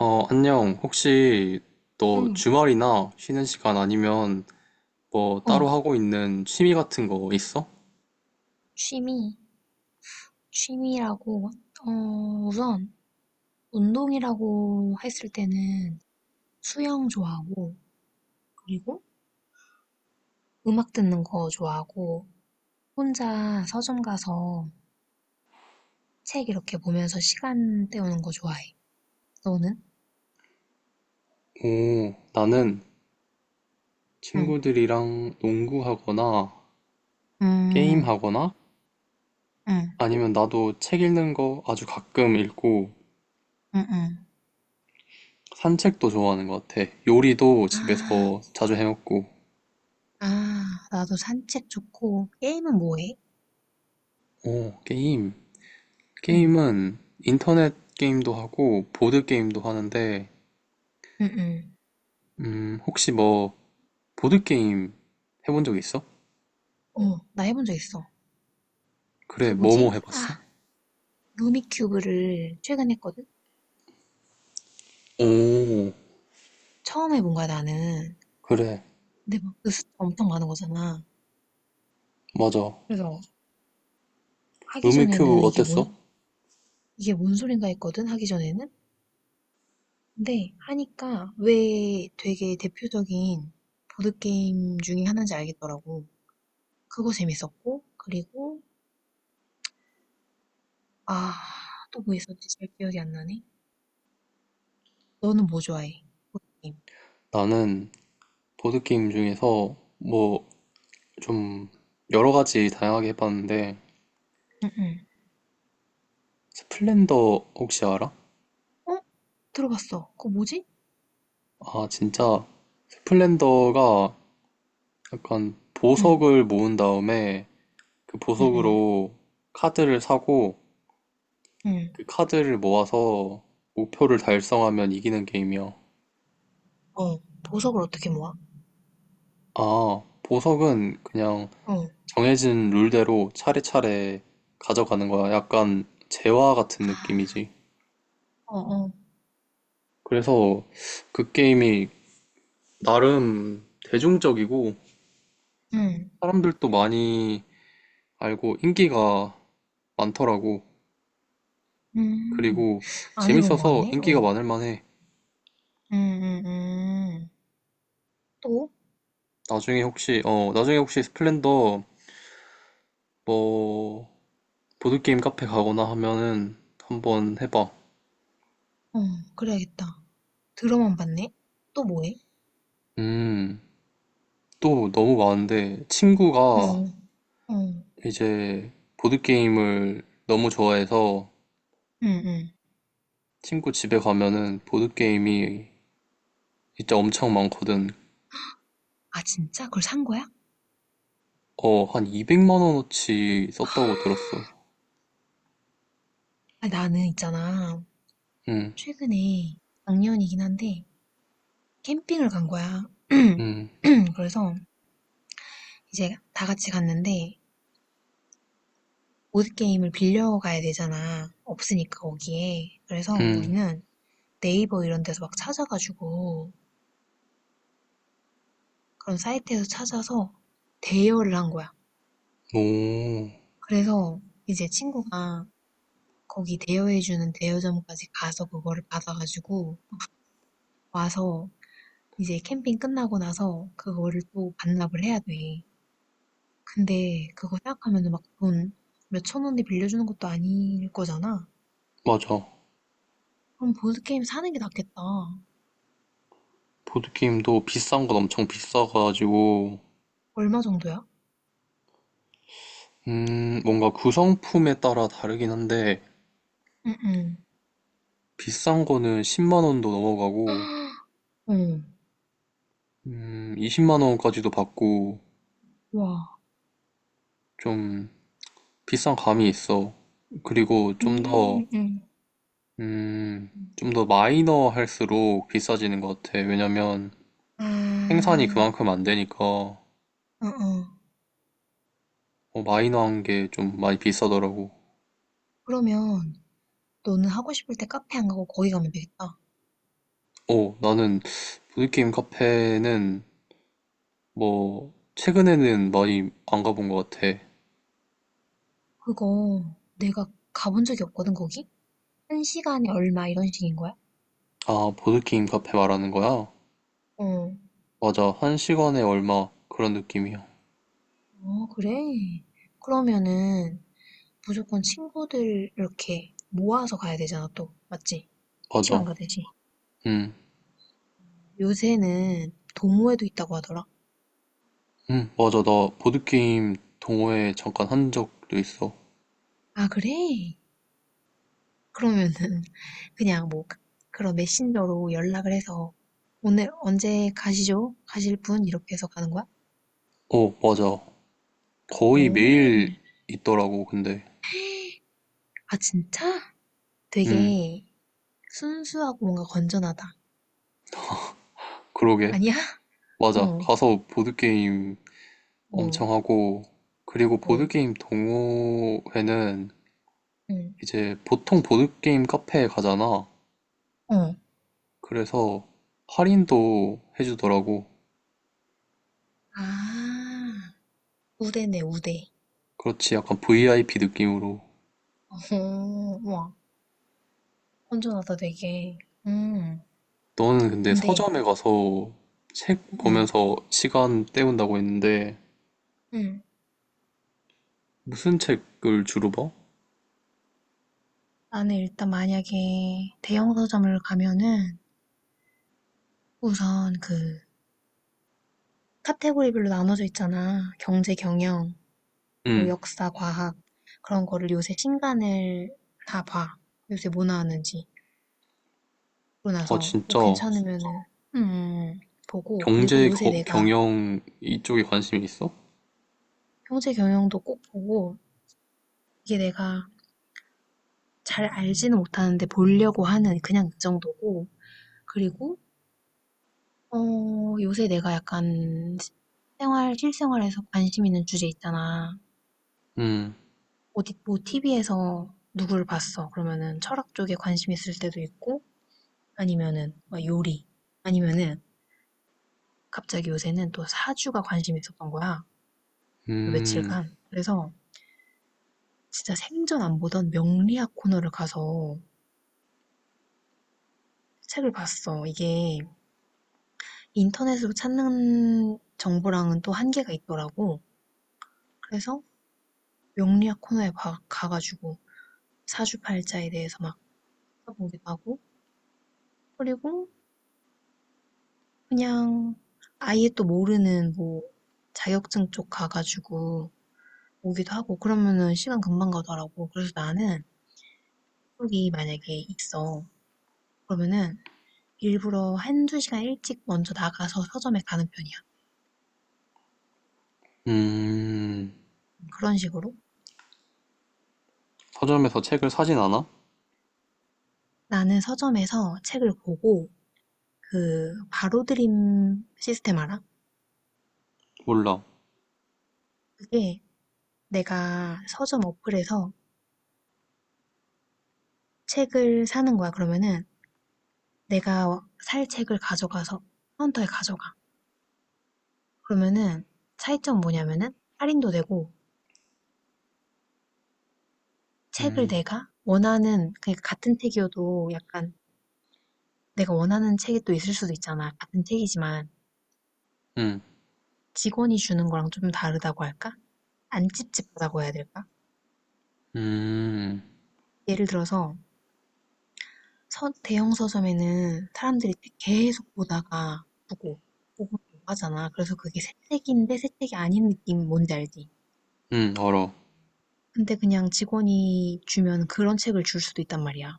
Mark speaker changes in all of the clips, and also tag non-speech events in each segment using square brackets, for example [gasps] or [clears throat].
Speaker 1: 어, 안녕. 혹시 너
Speaker 2: 응,
Speaker 1: 주말이나 쉬는 시간 아니면 뭐 따로
Speaker 2: 어,
Speaker 1: 하고 있는 취미 같은 거 있어?
Speaker 2: 취미, 취미라고, 어, 우선, 운동이라고 했을 때는 수영 좋아하고, 그리고 음악 듣는 거 좋아하고, 혼자 서점 가서 책 이렇게 보면서 시간 때우는 거 좋아해. 너는?
Speaker 1: 오, 나는
Speaker 2: 응,
Speaker 1: 친구들이랑 농구하거나
Speaker 2: 음,
Speaker 1: 게임하거나
Speaker 2: 응,
Speaker 1: 아니면 나도 책 읽는 거 아주 가끔 읽고
Speaker 2: 응, 응.
Speaker 1: 산책도 좋아하는 것 같아. 요리도
Speaker 2: 아,
Speaker 1: 집에서 자주 해먹고.
Speaker 2: 아, 나도 산책 좋고, 게임은 뭐 해?
Speaker 1: 오, 게임.
Speaker 2: 응,
Speaker 1: 게임은 인터넷 게임도 하고 보드 게임도 하는데,
Speaker 2: 응, 응.
Speaker 1: 혹시 뭐 보드 게임 해본 적 있어?
Speaker 2: 어, 나 해본 적 있어.
Speaker 1: 그래,
Speaker 2: 그
Speaker 1: 뭐뭐
Speaker 2: 뭐지?
Speaker 1: 해봤어?
Speaker 2: 아, 루미큐브를 최근에 했거든?
Speaker 1: 오,
Speaker 2: 처음 해본 거야 나는.
Speaker 1: 그래,
Speaker 2: 근데 막 그 숫자 엄청 많은 거잖아.
Speaker 1: 맞아.
Speaker 2: 그래서 하기
Speaker 1: 루미
Speaker 2: 전에는
Speaker 1: 큐브 어땠어?
Speaker 2: 이게 뭔 소린가 했거든 하기 전에는. 근데 하니까 왜 되게 대표적인 보드 게임 중에 하나인지 알겠더라고. 그거 재밌었고 그리고 아 또 뭐 있었지 잘 기억이 안 나네. 너는 뭐 좋아해? 보드 게임.
Speaker 1: 나는 보드게임 중에서 뭐 좀 여러 가지 다양하게 해봤는데,
Speaker 2: 응응.
Speaker 1: 스플렌더 혹시 알아?
Speaker 2: 어? 들어봤어. 그거 뭐지?
Speaker 1: 아, 진짜. 스플렌더가 약간
Speaker 2: 응.
Speaker 1: 보석을 모은 다음에 그
Speaker 2: 응응.
Speaker 1: 보석으로 카드를 사고
Speaker 2: 응. 응.
Speaker 1: 그 카드를 모아서 목표를 달성하면 이기는 게임이야.
Speaker 2: 어. 보석을 어떻게 모아?
Speaker 1: 아, 보석은 그냥
Speaker 2: 어.
Speaker 1: 정해진 룰대로 차례차례 가져가는 거야. 약간 재화 같은
Speaker 2: 아.
Speaker 1: 느낌이지.
Speaker 2: 어어.
Speaker 1: 그래서 그 게임이 나름 대중적이고
Speaker 2: 응.
Speaker 1: 사람들도 많이 알고 인기가 많더라고.
Speaker 2: 음.
Speaker 1: 그리고
Speaker 2: 안 해본 것
Speaker 1: 재밌어서
Speaker 2: 같네.
Speaker 1: 인기가
Speaker 2: 어.
Speaker 1: 많을 만해.
Speaker 2: 음, 음, 음. 또?
Speaker 1: 나중에 혹시 스플렌더 뭐 보드게임 카페 가거나 하면은 한번 해봐.
Speaker 2: 어, 그래야겠다. 들어만 봤네. 또 뭐해?
Speaker 1: 음, 또 너무 많은데
Speaker 2: 어,
Speaker 1: 친구가
Speaker 2: 어,
Speaker 1: 이제 보드게임을 너무 좋아해서
Speaker 2: 응, 응.
Speaker 1: 친구 집에 가면은 보드게임이 진짜 엄청 많거든.
Speaker 2: 아, 진짜? 그걸 산 거야?
Speaker 1: 어, 한 200만 원어치 썼다고 들었어.
Speaker 2: 아, 나는 있잖아.
Speaker 1: 응,
Speaker 2: 최근에 작년이긴 한데 캠핑을 간 거야.
Speaker 1: 응,
Speaker 2: [clears throat] 그래서 이제 다 같이 갔는데 보드게임을 빌려가야 되잖아. 없으니까 거기에. 그래서
Speaker 1: 응.
Speaker 2: 우리는 네이버 이런 데서 막 찾아가지고 그런 사이트에서 찾아서 대여를 한 거야.
Speaker 1: 오,
Speaker 2: 그래서 이제 친구가 거기 대여해주는 대여점까지 가서 그거를 받아가지고 와서 이제 캠핑 끝나고 나서 그거를 또 반납을 해야 돼. 근데 그거 생각하면 막 돈 몇천 원에 빌려주는 것도 아닐 거잖아.
Speaker 1: 맞아.
Speaker 2: 그럼 보드게임 사는 게 낫겠다.
Speaker 1: 보드게임도 비싼 건 엄청 비싸가지고,
Speaker 2: 얼마 정도야?
Speaker 1: 뭔가 구성품에 따라 다르긴 한데,
Speaker 2: 응응.
Speaker 1: 비싼 거는 10만 원도 넘어가고,
Speaker 2: [gasps] 어
Speaker 1: 20만 원까지도 받고,
Speaker 2: 와.
Speaker 1: 좀 비싼 감이 있어. 그리고 좀더
Speaker 2: 음, 음.
Speaker 1: 음, 좀 더 마이너 할수록 비싸지는 것 같아. 왜냐면 생산이
Speaker 2: 아,
Speaker 1: 그만큼 안 되니까
Speaker 2: 어, 어.
Speaker 1: 마이너한 게 좀 많이 비싸더라고.
Speaker 2: 그러면 너는 하고 싶을 때 카페 안 가고 거기 가면 되겠다.
Speaker 1: 어, 나는 보드게임 카페는 뭐 최근에는 많이 안 가본 것 같아.
Speaker 2: 그거 내가 가본 적이 없거든, 거기? 한 시간에 얼마 이런 식인 거야?
Speaker 1: 아, 보드게임 카페 말하는 거야?
Speaker 2: 어.
Speaker 1: 맞아. 한 시간에 얼마 그런 느낌이야.
Speaker 2: 어, 그래? 그러면은 무조건 친구들 이렇게 모아서 가야 되잖아, 또. 맞지? 피시
Speaker 1: 맞아.
Speaker 2: 방 가듯이.
Speaker 1: 음,
Speaker 2: 요새는 도모에도 있다고 하더라.
Speaker 1: 맞아. 나 보드게임 동호회 잠깐 한 적도 있어.
Speaker 2: 아, 그래? 그러면은 그냥 뭐 그런 메신저로 연락을 해서 오늘 언제 가시죠? 가실 분? 이렇게 해서 가는 거야?
Speaker 1: 어, 맞아. 거의
Speaker 2: 어.
Speaker 1: 매일 있더라고, 근데.
Speaker 2: 아, 진짜?
Speaker 1: 음.
Speaker 2: 되게 순수하고 뭔가 건전하다.
Speaker 1: 그러게.
Speaker 2: 아니야? [laughs]
Speaker 1: 맞아.
Speaker 2: 어,
Speaker 1: 가서 보드게임
Speaker 2: 어,
Speaker 1: 엄청 하고, 그리고
Speaker 2: 어,
Speaker 1: 보드게임 동호회는
Speaker 2: 응,
Speaker 1: 이제 보통 보드게임 카페에 가잖아.
Speaker 2: 어.
Speaker 1: 그래서 할인도 해주더라고.
Speaker 2: 아, 우대네, 우대.
Speaker 1: 그렇지. 약간 VIP 느낌으로.
Speaker 2: 어, 와, 건전하다, 되게. 음,
Speaker 1: 너는 근데
Speaker 2: 근데,
Speaker 1: 서점에 가서 책
Speaker 2: 음,
Speaker 1: 보면서 시간 때운다고 했는데,
Speaker 2: 음.
Speaker 1: 무슨 책을 주로 봐?
Speaker 2: 나는 일단 만약에 대형 서점을 가면은 우선 그 카테고리별로 나눠져 있잖아. 경제, 경영, 뭐
Speaker 1: 응.
Speaker 2: 역사, 과학 그런 거를 요새 신간을 다 봐. 요새 뭐 나왔는지. 그러고
Speaker 1: 아,
Speaker 2: 나서 뭐
Speaker 1: 진짜.
Speaker 2: 괜찮으면은 음, 보고 그리고
Speaker 1: 경제,
Speaker 2: 요새 내가
Speaker 1: 경영 이쪽에 관심이 있어?
Speaker 2: 형제 경영도 꼭 보고 이게 내가 잘 알지는 못하는데 보려고 하는 그냥 그 정도고 그리고 어, 요새 내가 약간 생활 실생활에서 관심 있는 주제 있잖아.
Speaker 1: 음,
Speaker 2: 어디 뭐 TV에서 누구를 봤어. 그러면은 철학 쪽에 관심 있을 때도 있고 아니면은 막 요리 아니면은 갑자기 요새는 또 사주가 관심 있었던 거야. 요
Speaker 1: 음,
Speaker 2: 며칠간. 그래서 진짜 생전 안 보던 명리학 코너를 가서 책을 봤어. 이게 인터넷으로 찾는 정보랑은 또 한계가 있더라고. 그래서 명리학 코너에 가가지고 사주팔자에 대해서 막 찾아보기도 하고, 그리고 그냥 아예 또 모르는 뭐 자격증 쪽 가가지고 오기도 하고, 그러면은 시간 금방 가더라고. 그래서 나는 약속이 만약에 있어. 그러면은 일부러 한두 시간 일찍 먼저 나가서 서점에 가는 편이야.
Speaker 1: 음.
Speaker 2: 그런 식으로.
Speaker 1: 서점에서 책을 사진 않아?
Speaker 2: 나는 서점에서 책을 보고 그 바로 드림 시스템 알아?
Speaker 1: 몰라.
Speaker 2: 그게 내가 서점 어플에서 책을 사는 거야. 그러면은 내가 살 책을 가져가서 카운터에 가져가. 그러면은 차이점 뭐냐면은 할인도 되고 책을
Speaker 1: 음,
Speaker 2: 내가 원하는 그러니까 같은 책이어도 약간 내가 원하는 책이 또 있을 수도 있잖아. 같은 책이지만
Speaker 1: 음,
Speaker 2: 직원이 주는 거랑 좀 다르다고 할까? 안 찝찝하다고 해야 될까?
Speaker 1: 음,
Speaker 2: 예를 들어서 서 대형 서점에는 사람들이 계속 보다가 보고 보고 보고 하잖아. 그래서 그게 새책인데 새책이 아닌 느낌 뭔지 알지?
Speaker 1: 알아.
Speaker 2: 근데 그냥 직원이 주면 그런 책을 줄 수도 있단 말이야.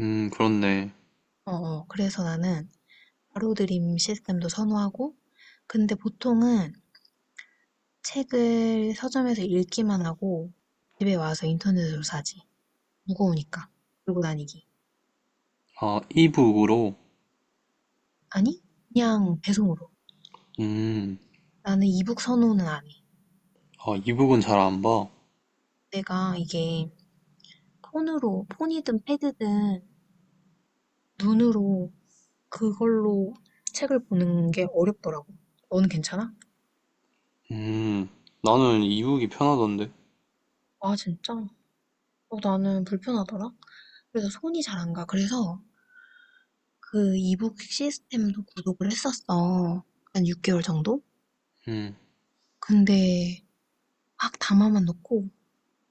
Speaker 1: 그렇네.
Speaker 2: 어어. 그래서 나는 바로드림 시스템도 선호하고, 근데 보통은 책을 서점에서 읽기만 하고 집에 와서 인터넷으로 사지. 무거우니까. 들고 다니기.
Speaker 1: 아, 이북으로?
Speaker 2: 아니? 그냥 배송으로.
Speaker 1: 음,
Speaker 2: 나는 이북 선호는 안 해.
Speaker 1: 아, 이북은 잘 안 봐.
Speaker 2: 내가 이게 폰으로, 폰이든 패드든 눈으로 그걸로 책을 보는 게 어렵더라고. 너는 괜찮아?
Speaker 1: 음, 나는 이북이 편하던데.
Speaker 2: 아, 진짜? 어, 나는 불편하더라. 그래서 손이 잘 안 가. 그래서 그 이북 시스템도 구독을 했었어. 한 6개월 정도?
Speaker 1: 음,
Speaker 2: 근데 막 담아만 놓고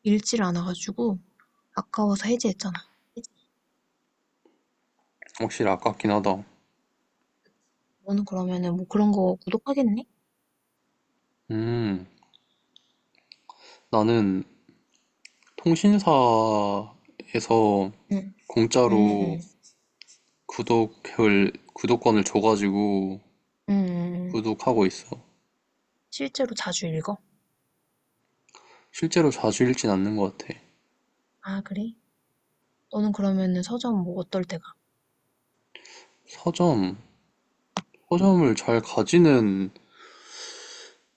Speaker 2: 읽지를 않아가지고 아까워서 해지했잖아.
Speaker 1: 확실히 아깝긴 하다.
Speaker 2: 너는 그러면은 뭐 그런 거 구독하겠니?
Speaker 1: 음, 나는 통신사에서
Speaker 2: 응, 응,
Speaker 1: 공짜로
Speaker 2: 응, 응.
Speaker 1: 구독권을 줘가지고
Speaker 2: 응, 응.
Speaker 1: 구독하고 있어.
Speaker 2: 실제로 자주 읽어?
Speaker 1: 실제로 자주 읽진 않는 것 같아.
Speaker 2: 아, 그래? 너는 그러면은 서점 뭐 어떨 때가?
Speaker 1: 서점, 서점을 잘 가지는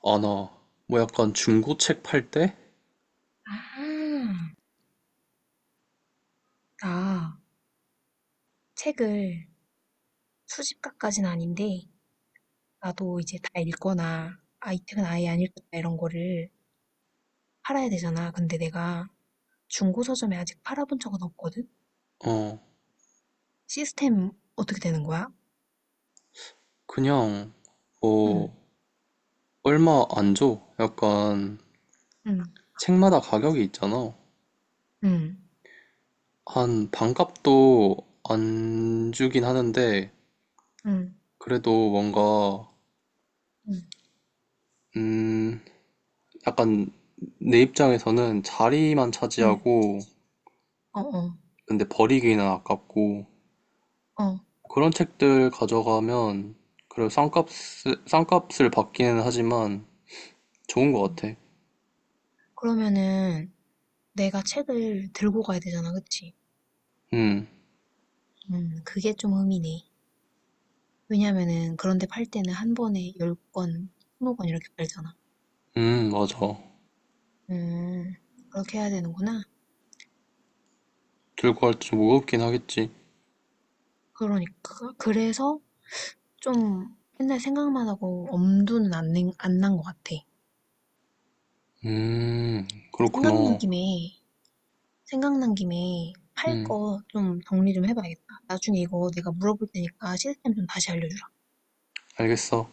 Speaker 1: 아, 나, 뭐 약간 중고 책 팔 때?
Speaker 2: 아, 나 책을 수집가까진 아닌데, 나도 이제 다 읽거나, 아, 이 책은 아예 안 읽겠다 이런 거를 팔아야 되잖아. 근데 내가 중고 서점에 아직 팔아본 적은 없거든?
Speaker 1: 어,
Speaker 2: 시스템 어떻게 되는 거야?
Speaker 1: 그냥,
Speaker 2: 응,
Speaker 1: 뭐, 얼마 안 줘. 약간,
Speaker 2: 응,
Speaker 1: 책마다 가격이 있잖아.
Speaker 2: 응,
Speaker 1: 한, 반값도 안 주긴 하는데,
Speaker 2: 응,
Speaker 1: 그래도 뭔가,
Speaker 2: 응,
Speaker 1: 음, 약간, 내 입장에서는 자리만
Speaker 2: 응,
Speaker 1: 차지하고,
Speaker 2: 어, 어,
Speaker 1: 근데 버리기는 아깝고,
Speaker 2: 어.
Speaker 1: 그런 책들 가져가면, 그래 싼값을 받기는 하지만, 좋은 것
Speaker 2: 음.
Speaker 1: 같아.
Speaker 2: 그러면은 내가 책을 들고 가야 되잖아, 그치?
Speaker 1: 음,
Speaker 2: 그게 좀 의미네. 왜냐면은 그런 데 팔 때는 한 번에 10 권, 20 권 이렇게 팔잖아.
Speaker 1: 맞아.
Speaker 2: 음. 그렇게 해야 되는구나.
Speaker 1: 들고 갈 때 좀 무겁긴 하겠지.
Speaker 2: 그러니까 그래서 좀 맨날 생각만 하고 엄두는 안 난 것 같아. 생각난
Speaker 1: 그렇구나.
Speaker 2: 김에 생각난 김에 팔
Speaker 1: 음,
Speaker 2: 거 좀 정리 좀 해 봐야겠다. 나중에 이거 내가 물어볼 테니까 시스템 좀 다시 알려주라.
Speaker 1: 알겠어.